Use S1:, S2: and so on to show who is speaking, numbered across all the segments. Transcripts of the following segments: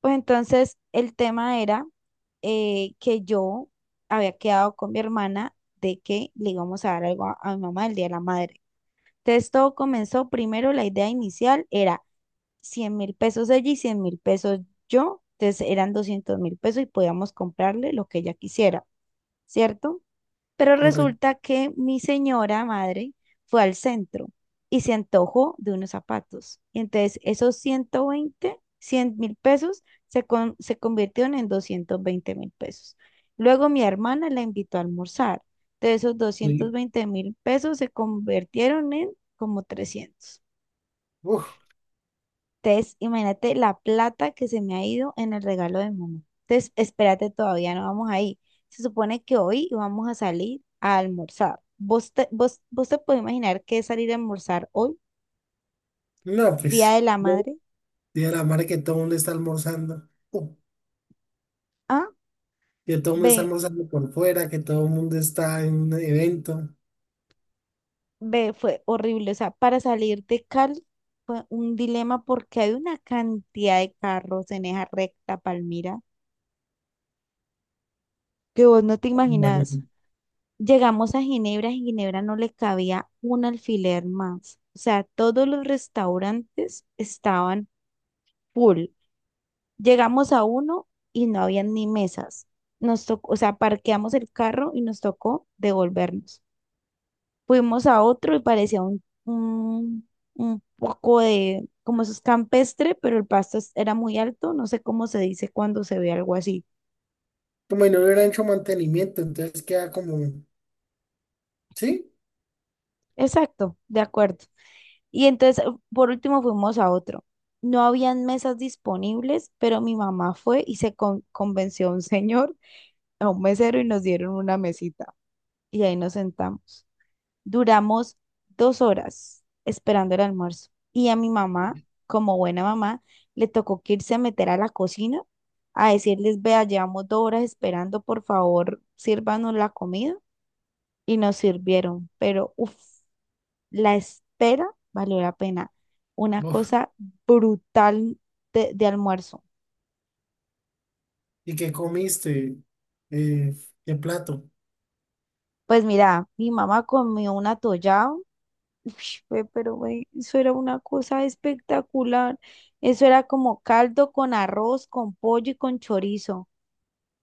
S1: Pues entonces el tema era que yo había quedado con mi hermana de que le íbamos a dar algo a mi mamá el Día de la Madre. Entonces todo comenzó, primero la idea inicial era 100 mil pesos ella y 100 mil pesos yo, entonces eran 200 mil pesos y podíamos comprarle lo que ella quisiera, ¿cierto? Pero
S2: Correcto.
S1: resulta que mi señora madre fue al centro y se antojó de unos zapatos. Y entonces esos 120 100 mil pesos se convirtieron en 220 mil pesos. Luego mi hermana la invitó a almorzar. De esos
S2: Y,
S1: 220 mil pesos se convirtieron en como 300
S2: uf,
S1: entonces, imagínate la plata que se me ha ido en el regalo de mamá. Entonces, espérate, todavía no vamos ahí. Se supone que hoy vamos a salir a almorzar. ¿Vos te puedes imaginar qué es salir a almorzar hoy,
S2: no,
S1: Día
S2: pues,
S1: de la Madre?
S2: día la madre que todo el mundo está almorzando,
S1: A,
S2: que todo el mundo está
S1: B,
S2: almorzando por fuera, que todo el mundo está en un evento.
S1: Fue horrible. O sea, para salir de Cali fue un dilema porque hay una cantidad de carros en esa recta, Palmira, que vos no te imaginas.
S2: Imagino.
S1: Llegamos a Ginebra, en Ginebra no le cabía un alfiler más. O sea, todos los restaurantes estaban full. Llegamos a uno y no había ni mesas. Nos tocó, o sea, parqueamos el carro y nos tocó devolvernos. Fuimos a otro y parecía un poco de, como eso es campestre, pero el pasto era muy alto. No sé cómo se dice cuando se ve algo así.
S2: Como si no hubiera hecho mantenimiento, entonces queda como, ¿sí?
S1: Exacto, de acuerdo. Y entonces, por último, fuimos a otro. No habían mesas disponibles, pero mi mamá fue y convenció a un señor, a un mesero, y nos dieron una mesita. Y ahí nos sentamos. Duramos dos horas esperando el almuerzo. Y a mi mamá, como buena mamá, le tocó que irse a meter a la cocina a decirles, vea, llevamos dos horas esperando, por favor, sírvanos la comida. Y nos sirvieron, pero uff, la espera valió la pena. Una
S2: Uf,
S1: cosa brutal de almuerzo.
S2: ¿y qué comiste? Eh, ¿Qué plato?
S1: Pues mira, mi mamá comió un atollado. Ush, güey, pero güey, eso era una cosa espectacular. Eso era como caldo con arroz, con pollo y con chorizo.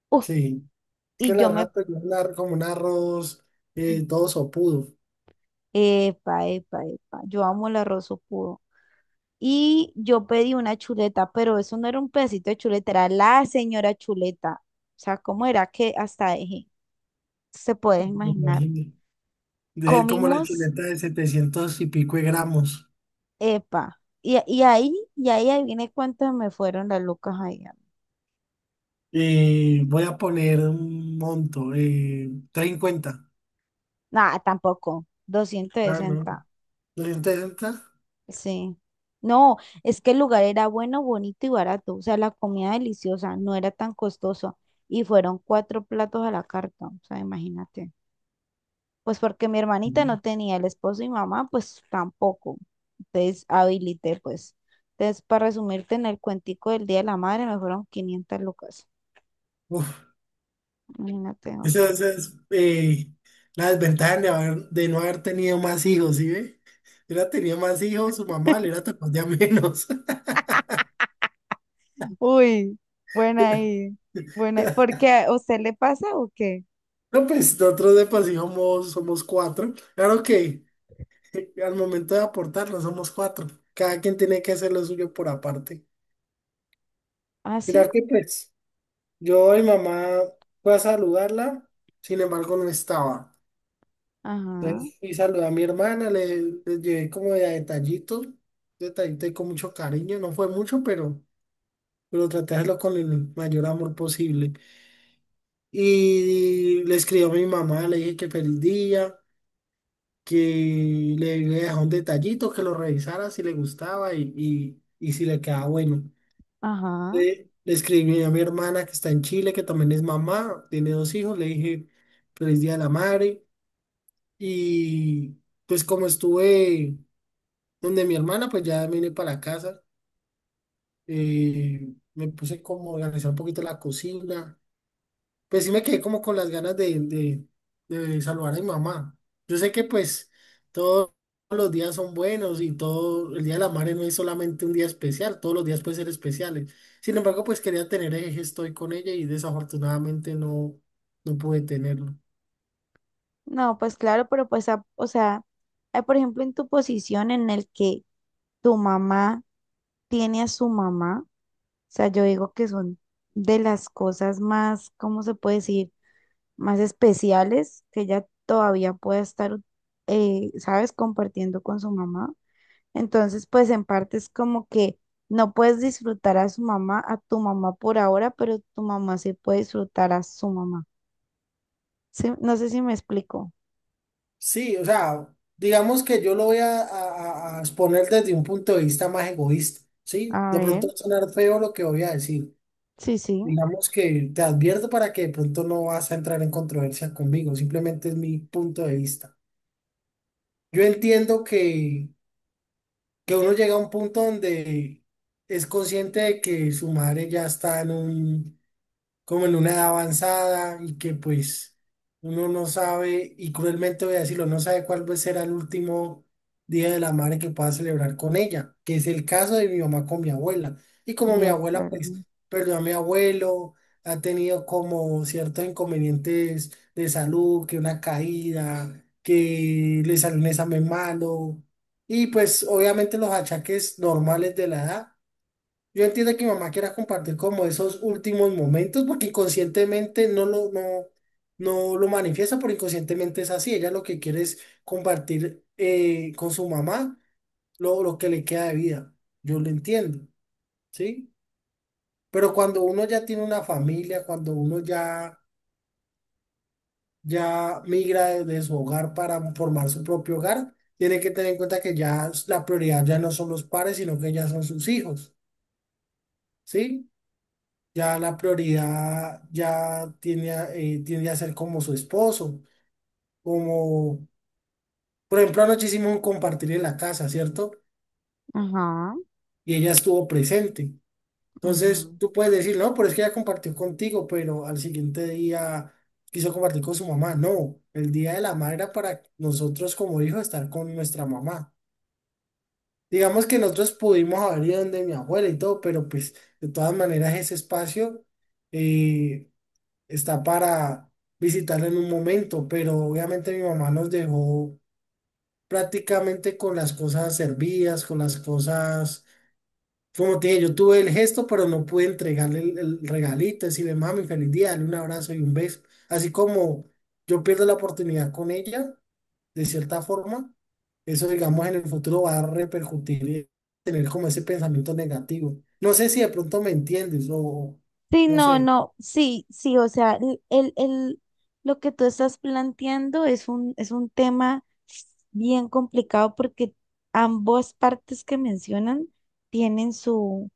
S1: Uf,
S2: Sí, es que
S1: y
S2: la
S1: yo me...
S2: rata es como un arroz todo sopudo.
S1: Epa, epa, epa. Yo amo el arroz puro. Y yo pedí una chuleta, pero eso no era un pedacito de chuleta, era la señora chuleta. O sea, ¿cómo era que hasta dejé? Se puede
S2: Me
S1: imaginar.
S2: imagino. Debe ser como la
S1: Comimos,
S2: chuleta de 700 y pico de gramos.
S1: epa, y ahí adiviné cuántas me fueron las lucas ahí.
S2: Y voy a poner un monto, 50.
S1: Nada, tampoco, doscientos
S2: Ah, no.
S1: sesenta
S2: 350.
S1: sí. No, es que el lugar era bueno, bonito y barato, o sea, la comida deliciosa, no era tan costoso, y fueron cuatro platos a la carta, o sea, imagínate. Pues porque mi hermanita no
S2: Ujú.
S1: tenía el esposo y mamá, pues tampoco, entonces habilité, pues. Entonces, para resumirte en el cuentico del Día de la Madre, me fueron 500 lucas.
S2: Uf,
S1: Imagínate
S2: esa,
S1: vos.
S2: esa es la desventaja de, de no haber tenido más hijos, ¿sí ve? Si hubiera tenido más hijos, su mamá le hubiera tocado ya menos.
S1: Uy, buena ahí. Buena ahí. ¿Por qué? ¿A usted le pasa o qué?
S2: No, pues nosotros de por sí somos cuatro. Claro que al momento de aportarlo somos cuatro. Cada quien tiene que hacer lo suyo por aparte.
S1: Ah,
S2: Mira
S1: sí.
S2: que pues. Yo y mamá fue a saludarla, sin embargo no estaba.
S1: Ajá,
S2: Entonces fui a saludar a mi hermana, le llevé como de a detallitos, detallitos y con mucho cariño, no fue mucho, pero traté de hacerlo con el mayor amor posible. Y le escribí a mi mamá, le dije que feliz día, que le dejé un detallito, que lo revisara si le gustaba y si le quedaba bueno.
S1: ajá.
S2: Le escribí a mi hermana que está en Chile, que también es mamá, tiene dos hijos, le dije feliz día de la madre y pues como estuve donde mi hermana, pues ya vine para la casa. Me puse como a organizar un poquito la cocina. Pues sí me quedé como con las ganas de saludar a mi mamá. Yo sé que pues todos los días son buenos y todo el Día de la Madre no es solamente un día especial, todos los días pueden ser especiales. Sin embargo, pues quería tener ese gesto ahí con ella y desafortunadamente no pude tenerlo.
S1: No, pues claro, pero pues, o sea, por ejemplo, en tu posición en el que tu mamá tiene a su mamá, o sea, yo digo que son de las cosas más, ¿cómo se puede decir? Más especiales que ella todavía pueda estar, ¿sabes? Compartiendo con su mamá. Entonces, pues en parte es como que no puedes disfrutar a su mamá, a tu mamá por ahora, pero tu mamá sí puede disfrutar a su mamá. Sí, no sé si me explico.
S2: Sí, o sea, digamos que yo lo voy a exponer desde un punto de vista más egoísta, ¿sí?
S1: A
S2: De
S1: ver,
S2: pronto va a sonar feo lo que voy a decir.
S1: sí, sí,
S2: Digamos que te advierto para que de pronto no vas a entrar en controversia conmigo, simplemente es mi punto de vista. Yo entiendo que uno llega a un punto donde es consciente de que su madre ya está como en una edad avanzada y que pues uno no sabe, y cruelmente voy a decirlo, no sabe cuál va a ser el último día de la madre que pueda celebrar con ella, que es el caso de mi mamá con mi abuela. Y como
S1: de
S2: mi abuela
S1: acuerdo.
S2: pues perdió a mi abuelo, ha tenido como ciertos inconvenientes de salud, que una caída, que le salió un examen malo, y pues obviamente los achaques normales de la edad. Yo entiendo que mi mamá quiera compartir como esos últimos momentos, porque inconscientemente no lo manifiesta, pero inconscientemente es así. Ella lo que quiere es compartir con su mamá lo que le queda de vida. Yo lo entiendo, ¿sí? Pero cuando uno ya tiene una familia, cuando uno ya migra de su hogar para formar su propio hogar, tiene que tener en cuenta que ya la prioridad ya no son los padres, sino que ya son sus hijos, ¿sí? Ya la prioridad ya tiende tiende a ser como su esposo, como, por ejemplo, anoche hicimos un compartir en la casa, ¿cierto?
S1: Ajá,
S2: Y ella estuvo presente.
S1: ajá.
S2: Entonces, tú puedes decir, no, pero es que ella compartió contigo, pero al siguiente día quiso compartir con su mamá. No, el Día de la Madre era para nosotros como hijos estar con nuestra mamá. Digamos que nosotros pudimos haber ido donde mi abuela y todo, pero pues de todas maneras ese espacio eh, está para visitarla en un momento, pero obviamente mi mamá nos dejó prácticamente con las cosas servidas, con las cosas, como te dije, yo tuve el gesto, pero no pude entregarle el regalito, decirle, mami, feliz día, dale un abrazo y un beso. Así como yo pierdo la oportunidad con ella, de cierta forma, eso digamos en el futuro va a repercutir y tener como ese pensamiento negativo. No sé si de pronto me entiendes o
S1: Sí,
S2: no
S1: no,
S2: sé.
S1: no, sí, sí, o sea, lo que tú estás planteando es un tema bien complicado porque ambas partes que mencionan tienen su,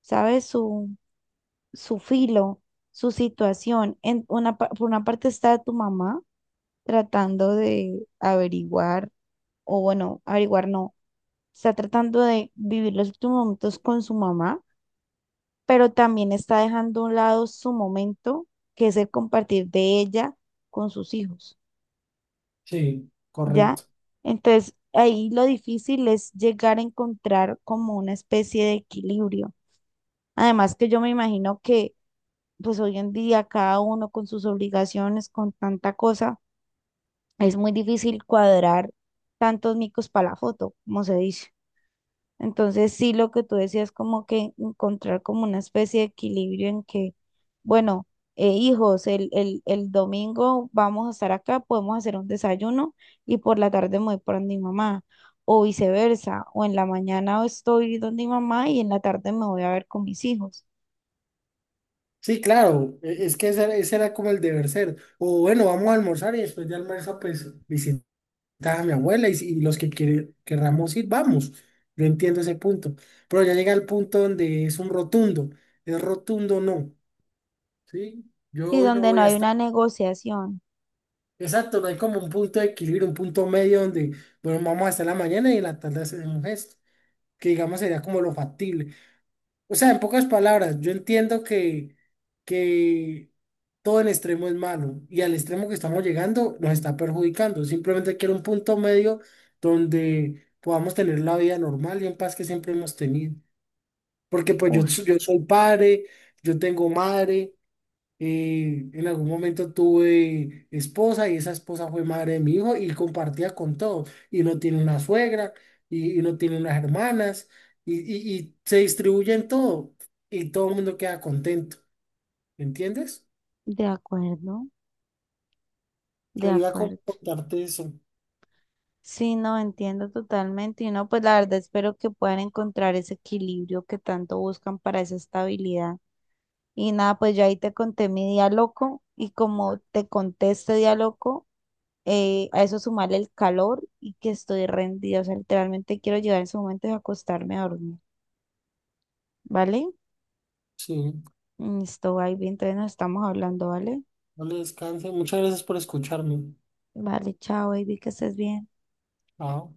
S1: ¿sabes? Su filo, su situación. En una, por una parte está tu mamá tratando de averiguar, o bueno, averiguar no, está tratando de vivir los últimos momentos con su mamá, pero también está dejando a un lado su momento, que es el compartir de ella con sus hijos,
S2: Sí,
S1: ¿ya?
S2: correcto.
S1: Entonces, ahí lo difícil es llegar a encontrar como una especie de equilibrio. Además que yo me imagino que pues hoy en día cada uno con sus obligaciones, con tanta cosa, es muy difícil cuadrar tantos micos para la foto, como se dice. Entonces, sí, lo que tú decías, como que encontrar como una especie de equilibrio en que, bueno, hijos, el domingo vamos a estar acá, podemos hacer un desayuno y por la tarde me voy por mi mamá, o viceversa, o en la mañana estoy donde mi mamá y en la tarde me voy a ver con mis hijos.
S2: Sí, claro, es que ese era como el deber ser. O bueno, vamos a almorzar y después de almuerzo, pues visitar a mi abuela y, si- y los que querramos ir, vamos. Yo entiendo ese punto. Pero ya llega el punto donde es un rotundo. Es rotundo, no. ¿Sí? Yo
S1: Sí,
S2: hoy no
S1: donde no
S2: voy a
S1: hay una
S2: estar.
S1: negociación.
S2: Exacto, no hay como un punto de equilibrio, un punto medio donde, bueno, vamos hasta la mañana y en la tarde hacemos esto. Que digamos sería como lo factible. O sea, en pocas palabras, yo entiendo que todo el extremo es malo y al extremo que estamos llegando nos está perjudicando. Simplemente quiero un punto medio donde podamos tener la vida normal y en paz que siempre hemos tenido. Porque pues
S1: Uf,
S2: yo soy padre, yo tengo madre, en algún momento tuve esposa y esa esposa fue madre de mi hijo y compartía con todos. Y uno tiene una suegra y uno tiene unas hermanas y se distribuyen todo y todo el mundo queda contento. ¿Me entiendes?
S1: de acuerdo, de
S2: Quería como
S1: acuerdo.
S2: contarte eso.
S1: Sí, no entiendo totalmente. Y no, pues la verdad espero que puedan encontrar ese equilibrio que tanto buscan para esa estabilidad. Y nada, pues yo ahí te conté mi día loco y como te conté este día loco, a eso sumarle el calor y que estoy rendida. O sea, literalmente quiero llegar en su momento y acostarme a dormir. ¿Vale?
S2: Sí,
S1: Listo, baby. Entonces nos estamos hablando, ¿vale?
S2: no le descanse. Muchas gracias por escucharme.
S1: Vale, chao, baby, que estés bien.
S2: Chao.